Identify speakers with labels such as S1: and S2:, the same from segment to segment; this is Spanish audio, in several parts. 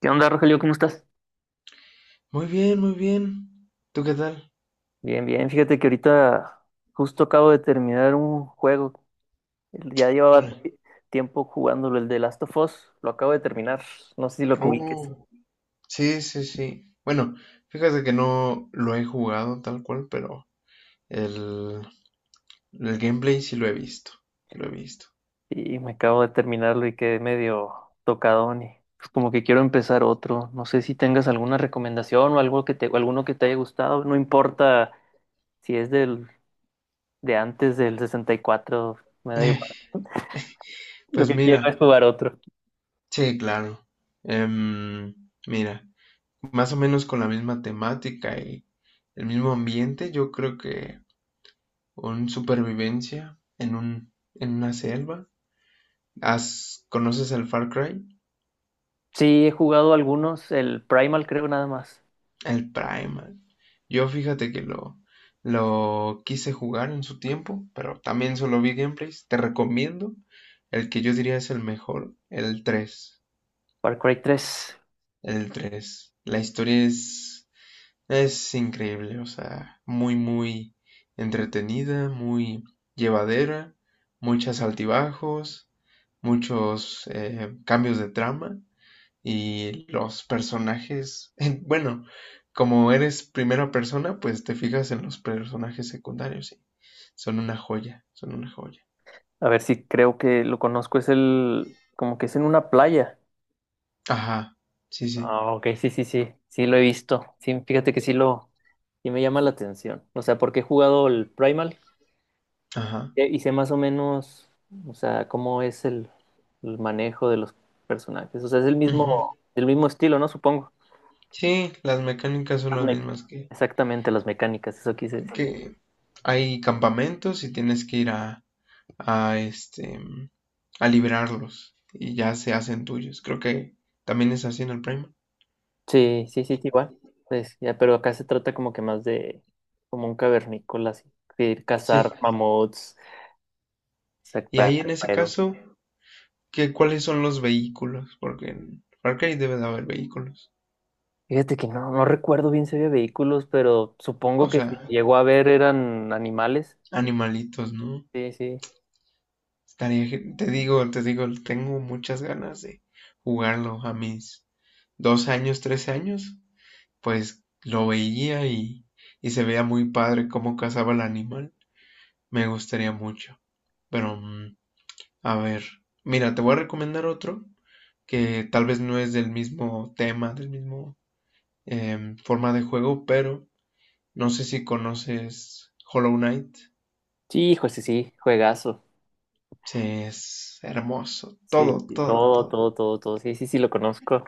S1: ¿Qué onda, Rogelio? ¿Cómo estás?
S2: Muy bien, muy bien. ¿Tú qué tal?
S1: Bien, bien. Fíjate que ahorita justo acabo de terminar un juego. Ya llevaba
S2: ¿Cuál?
S1: tiempo jugándolo, el de Last of Us. Lo acabo de terminar. No sé si lo ubiques.
S2: Oh, sí, sí, sí. Bueno, fíjate que no lo he jugado tal cual, pero el, el gameplay sí lo he visto. Lo he visto.
S1: Y me acabo de terminarlo y quedé medio tocadón, y pues como que quiero empezar otro. No sé si tengas alguna recomendación o o alguno que te haya gustado. No importa si es del de antes del 64. Me da
S2: Eh,
S1: igual. Lo
S2: Pues
S1: que quiero
S2: mira,
S1: es jugar otro.
S2: sí, claro. Em, mira, más o menos con la misma temática y el mismo ambiente, yo creo que un supervivencia en en una selva. ¿Has, conoces el Far Cry?
S1: Sí, he jugado algunos, el Primal creo nada más.
S2: El Primal. Yo fíjate que lo quise jugar en su tiempo, pero también solo vi gameplays. Te recomiendo el que yo diría es el mejor, el tres.
S1: Far Cry tres.
S2: El tres. La historia es increíble, o sea, muy, muy entretenida, muy llevadera, muchos altibajos, muchos cambios de trama y los personajes, como eres primera persona, pues te fijas en los personajes secundarios y son una joya, son una joya.
S1: A ver, si creo que lo conozco. Como que es en una playa.
S2: Ajá, sí, sí,
S1: Ah, ok, sí, sí, sí. Sí lo he visto. Sí, fíjate que sí me llama la atención. O sea, porque he jugado el Primal,
S2: ajá.
S1: y sé más o menos, o sea, cómo es el manejo de los personajes. O sea, es
S2: Ujú.
S1: el mismo estilo, ¿no? Supongo.
S2: Sí, las mecánicas son
S1: Las
S2: las
S1: mec-
S2: mismas
S1: Exactamente, las mecánicas, eso quise decir.
S2: que hay campamentos y tienes que ir a a liberarlos y ya se hacen tuyos. Creo que también es así en el Prime.
S1: Sí, sí, sí, igual. Pues, ya, pero acá se trata como que más de como un cavernícola, así, de ir
S2: Sí,
S1: cazar mamuts,
S2: y
S1: sacar
S2: ahí en
S1: el
S2: ese
S1: juego.
S2: caso, ¿qué, cuáles son los vehículos? Porque en Far Cry debe de haber vehículos.
S1: Fíjate que no, no recuerdo bien si había vehículos, pero supongo
S2: O
S1: que
S2: sea,
S1: si llegó a ver eran animales.
S2: animalitos, ¿no?
S1: Sí, sí.
S2: Estaría, te digo, tengo muchas ganas de jugarlo. A mis 2 años, 3 años, pues lo veía y se veía muy padre cómo cazaba el animal. Me gustaría mucho. Pero, a ver, mira, te voy a recomendar otro que tal vez no es del mismo tema, del mismo forma de juego, pero no sé si conoces Hollow Knight.
S1: Sí, hijo, sí, sí, juegazo.
S2: Sí, es hermoso.
S1: Sí,
S2: Todo,
S1: sí,
S2: todo,
S1: todo,
S2: todo.
S1: todo, todo, todo. Sí, sí, sí, lo conozco.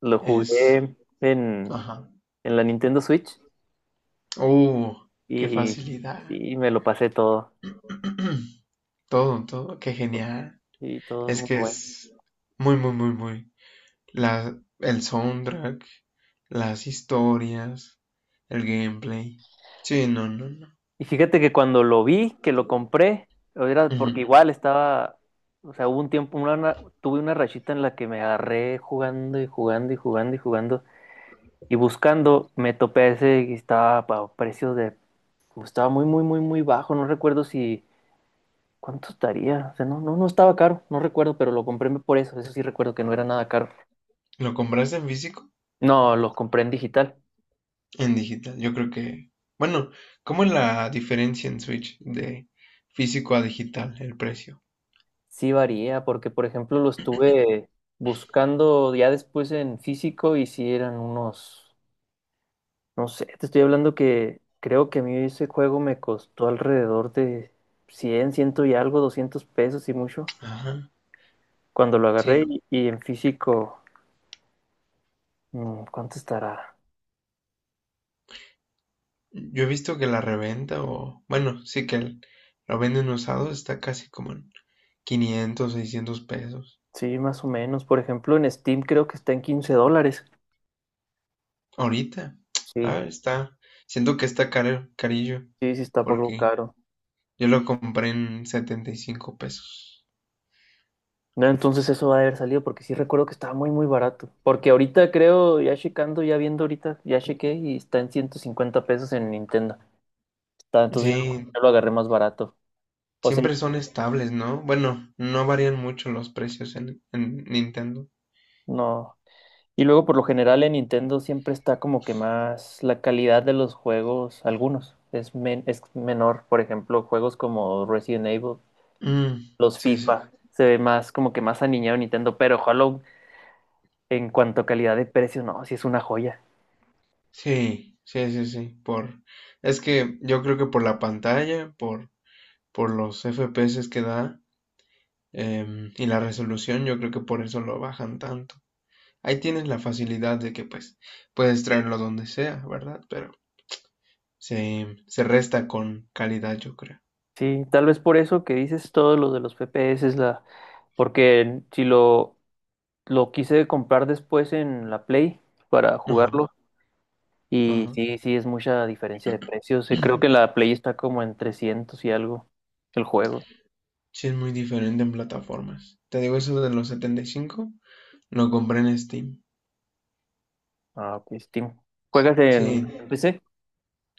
S1: Lo
S2: Es.
S1: jugué en,
S2: Ajá.
S1: en la Nintendo Switch
S2: Uh, qué
S1: y
S2: facilidad.
S1: sí, me lo pasé todo.
S2: Todo, todo. Qué genial.
S1: Y todo
S2: Es
S1: muy
S2: que
S1: bueno.
S2: es muy, muy, muy, muy. El soundtrack, las historias, el gameplay. Sí, no, no, no.
S1: Y fíjate que cuando lo vi, que lo compré, era porque
S2: Ujú.
S1: igual estaba, o sea, hubo un tiempo, tuve una rachita en la que me agarré jugando y jugando y jugando y jugando y buscando, me topé ese que estaba estaba muy, muy, muy, muy bajo. No recuerdo, si, ¿cuánto estaría? O sea, no, no, no estaba caro, no recuerdo, pero lo compré por eso, eso sí recuerdo que no era nada caro.
S2: ¿Lo compraste en físico?
S1: No, lo compré en digital.
S2: En digital, yo creo que, bueno, ¿cómo es la diferencia en Switch de físico a digital, el precio?
S1: Sí varía, porque por ejemplo lo estuve buscando ya después en físico y sí eran unos no sé, te estoy hablando que creo que a mí ese juego me costó alrededor de ciento y algo, 200 pesos y mucho.
S2: Ajá,
S1: Cuando lo agarré
S2: sí.
S1: y en físico, ¿cuánto estará?
S2: Yo he visto que la reventa o, bueno, sí que lo venden usado, está casi como en 500, 600 pesos.
S1: Sí, más o menos. Por ejemplo, en Steam creo que está en $15.
S2: Ahorita, ah,
S1: Sí,
S2: está, siento que está caro, carillo,
S1: sí, sí está algo
S2: porque
S1: caro.
S2: yo lo compré en 75 pesos.
S1: No, entonces eso va a haber salido porque sí recuerdo que estaba muy, muy barato. Porque ahorita creo, ya checando, ya viendo ahorita, ya chequé, y está en 150 pesos en Nintendo. Entonces
S2: Sí,
S1: yo lo agarré más barato. O sea,
S2: siempre son estables, ¿no? Bueno, no varían mucho los precios en Nintendo.
S1: no. Y luego por lo general en Nintendo siempre está como que más la calidad de los juegos, algunos, es menor. Por ejemplo, juegos como Resident Evil,
S2: Mm,
S1: los
S2: sí, sí,
S1: FIFA, se ve más como que más aniñado Nintendo, pero Hollow, en cuanto a calidad de precio, no, sí es una joya.
S2: sí, sí, sí, sí, es que yo creo que por la pantalla, por los FPS que da y la resolución, yo creo que por eso lo bajan tanto. Ahí tienes la facilidad de que pues puedes traerlo donde sea, ¿verdad? Pero se resta con calidad, yo creo.
S1: Sí, tal vez por eso que dices, todo lo de los FPS Porque si lo, lo quise comprar después en la Play para jugarlo.
S2: Ajá,
S1: Y
S2: ajá.
S1: sí, sí, es mucha diferencia de precios. Creo que la Play está como en 300 y algo el juego.
S2: Sí, es muy diferente en plataformas. Te digo, eso de los 75 lo compré en Steam.
S1: Ah, pues Steam. ¿Juegas en
S2: Sí,
S1: PC?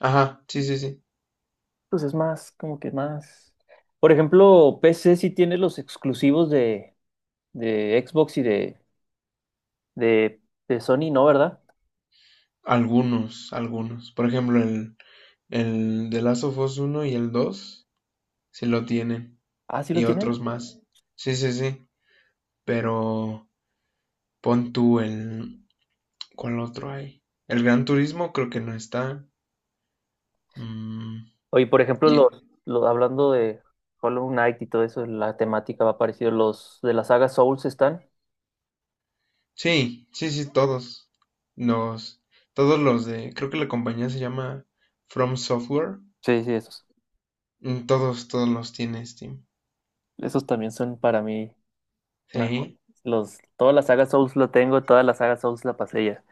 S2: ajá, sí, sí, sí.
S1: Pues es más, como que más. Por ejemplo, PC sí tiene los exclusivos de Xbox y de, de Sony, ¿no? ¿Verdad?
S2: Algunos, algunos. Por ejemplo, el The Last of Us 1 y el dos sí lo tienen.
S1: Ah, sí los
S2: Y otros
S1: tienen.
S2: más. Sí, sí, sí. Pero pon tú el... ¿Cuál otro hay? El Gran Turismo creo que no está. Mm,
S1: Oye, por ejemplo,
S2: y-
S1: los hablando de Hollow Knight y todo eso, la temática va parecido. Los de la saga Souls están.
S2: sí, sí, sí, todos. Los, todos los de... Creo que la compañía se llama From Software.
S1: Sí, sí, esos.
S2: Mm, todos, todos los tiene Steam.
S1: Esos también son para mí Una jo-
S2: Sí.
S1: Toda la saga Souls lo tengo, toda la saga Souls la pasé ya.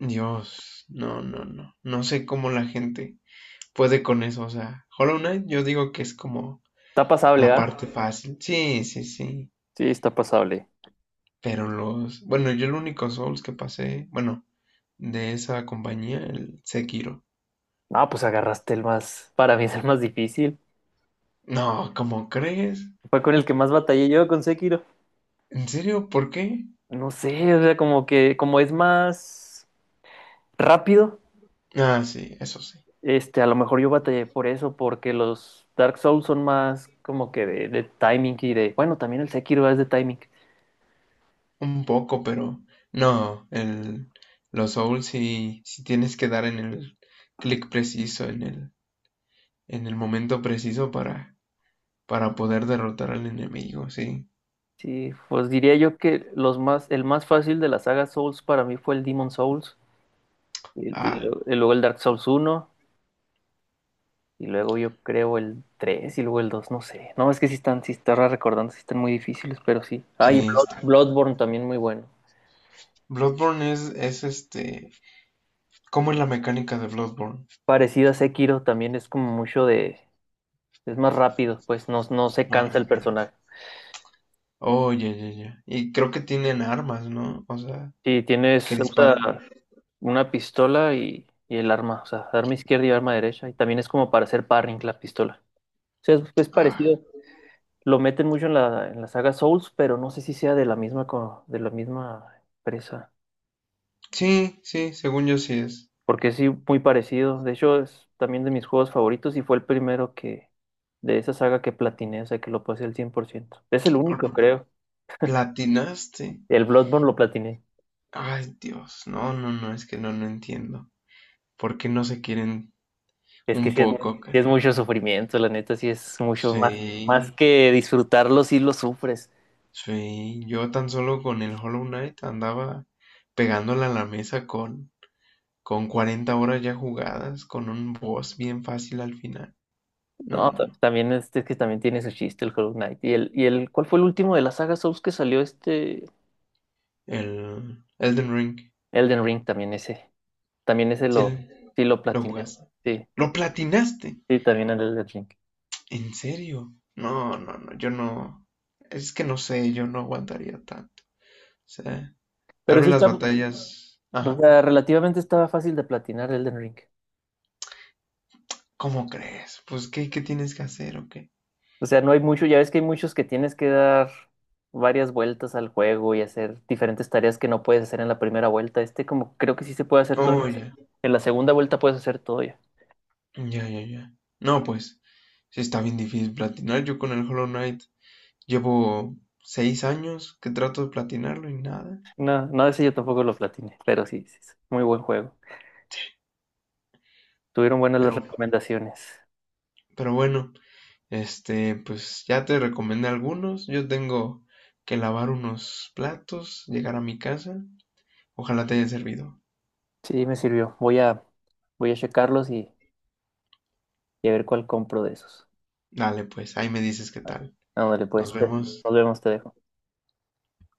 S2: Dios, no, no, no. No sé cómo la gente... puede con eso, o sea, Hollow Knight yo digo que es como
S1: Está pasable,
S2: la
S1: ¿ah?
S2: parte fácil. Sí, sí, sí.
S1: Sí, está pasable.
S2: Pero los, bueno, yo el único Souls que pasé, bueno, de esa compañía, el Sekiro.
S1: No, pues agarraste para mí es el más difícil.
S2: No, ¿cómo crees?
S1: Fue con el que más batallé yo, con Sekiro.
S2: ¿En serio? ¿Por qué?
S1: No sé, o sea, como es más rápido,
S2: Ah, sí, eso sí.
S1: este, a lo mejor yo batallé por eso, porque los Dark Souls son más como que de timing y bueno, también el Sekiro es de timing.
S2: Un poco, pero no, el los Souls sí, sí tienes que dar en el clic preciso, en el, en el momento preciso para poder derrotar al enemigo, sí.
S1: Sí, pues diría yo que el más fácil de la saga Souls para mí fue el Demon Souls. Y, y
S2: Ah,
S1: lo- y luego el Dark Souls uno, y luego yo creo el tres, y luego el 2 no sé. No, es que sí están recordando, sí están muy difíciles, pero sí.
S2: sí,
S1: Ah, y
S2: está.
S1: Bloodborne también, muy bueno.
S2: Bloodborne es este. ¿Cómo es la mecánica de Bloodborne?
S1: Parecido a Sekiro, también es como mucho de. Es más rápido, pues no, no se
S2: Más
S1: cansa el
S2: rápido.
S1: personaje.
S2: Oh, ya, ya, ya. Y creo que tienen armas, ¿no? O sea,
S1: Sí,
S2: que
S1: usa
S2: disparan.
S1: una pistola y el arma, o sea, arma izquierda y arma derecha. Y también es como para hacer parring la pistola. O sea, es
S2: Ah,
S1: parecido. Lo meten mucho en la saga Souls, pero no sé si sea de la misma empresa.
S2: sí, sí, según yo sí es.
S1: Porque sí, muy parecido. De hecho, es también de mis juegos favoritos, y fue el primero que de esa saga que platiné, o sea, que lo pasé al 100%. Es el único, creo.
S2: Platinaste.
S1: El Bloodborne lo platiné.
S2: Ay, Dios. No, no, no, es que no, no entiendo. ¿Por qué no se quieren
S1: Es que
S2: un
S1: sí
S2: poco?
S1: es mucho sufrimiento, la neta, sí es más
S2: Sí,
S1: que disfrutarlo, sí lo sufres.
S2: sí. Yo tan solo con el Hollow Knight andaba pegándole a la mesa con 40 horas ya jugadas, con un boss bien fácil al final. No,
S1: No,
S2: no.
S1: también este es que también tiene su chiste el Hollow Knight. ¿Cuál fue el último de la saga Souls que salió este?
S2: El Elden Ring.
S1: Elden Ring también ese. También ese
S2: Sí,
S1: lo, sí lo
S2: lo
S1: platiné.
S2: jugaste.
S1: Sí,
S2: ¿Lo platinaste?
S1: sí, también el Elden Ring.
S2: ¿En serio? No, no, no. Yo no. Es que no sé, yo no aguantaría tanto. O sea,
S1: Pero
S2: tal
S1: ese
S2: vez las
S1: está,
S2: batallas.
S1: O
S2: Ajá.
S1: sea, relativamente estaba fácil de platinar Elden Ring.
S2: ¿Cómo crees? Pues, ¿qué, qué tienes que hacer o qué?
S1: O sea, no hay mucho, ya ves que hay muchos que tienes que dar varias vueltas al juego y hacer diferentes tareas que no puedes hacer en la primera vuelta. Este, como creo que sí se puede hacer todo.
S2: Oh,
S1: En
S2: ya.
S1: la en la segunda vuelta puedes hacer todo ya.
S2: Ya, ya, ya. No, pues, sí está bien difícil platinar. Yo con el Hollow Knight llevo 6 años que trato de platinarlo y nada.
S1: No, no, ese yo tampoco lo platiné, pero sí, sí, es muy buen juego. Tuvieron buenas las
S2: Pero,
S1: recomendaciones.
S2: pero bueno, este, pues ya te recomendé algunos. Yo tengo que lavar unos platos, llegar a mi casa. Ojalá te haya servido.
S1: Sí, me sirvió. Voy a checarlos, y a ver cuál compro de esos.
S2: Dale, pues, ahí me dices qué tal.
S1: Ándale, pues,
S2: Nos vemos.
S1: nos vemos, te dejo.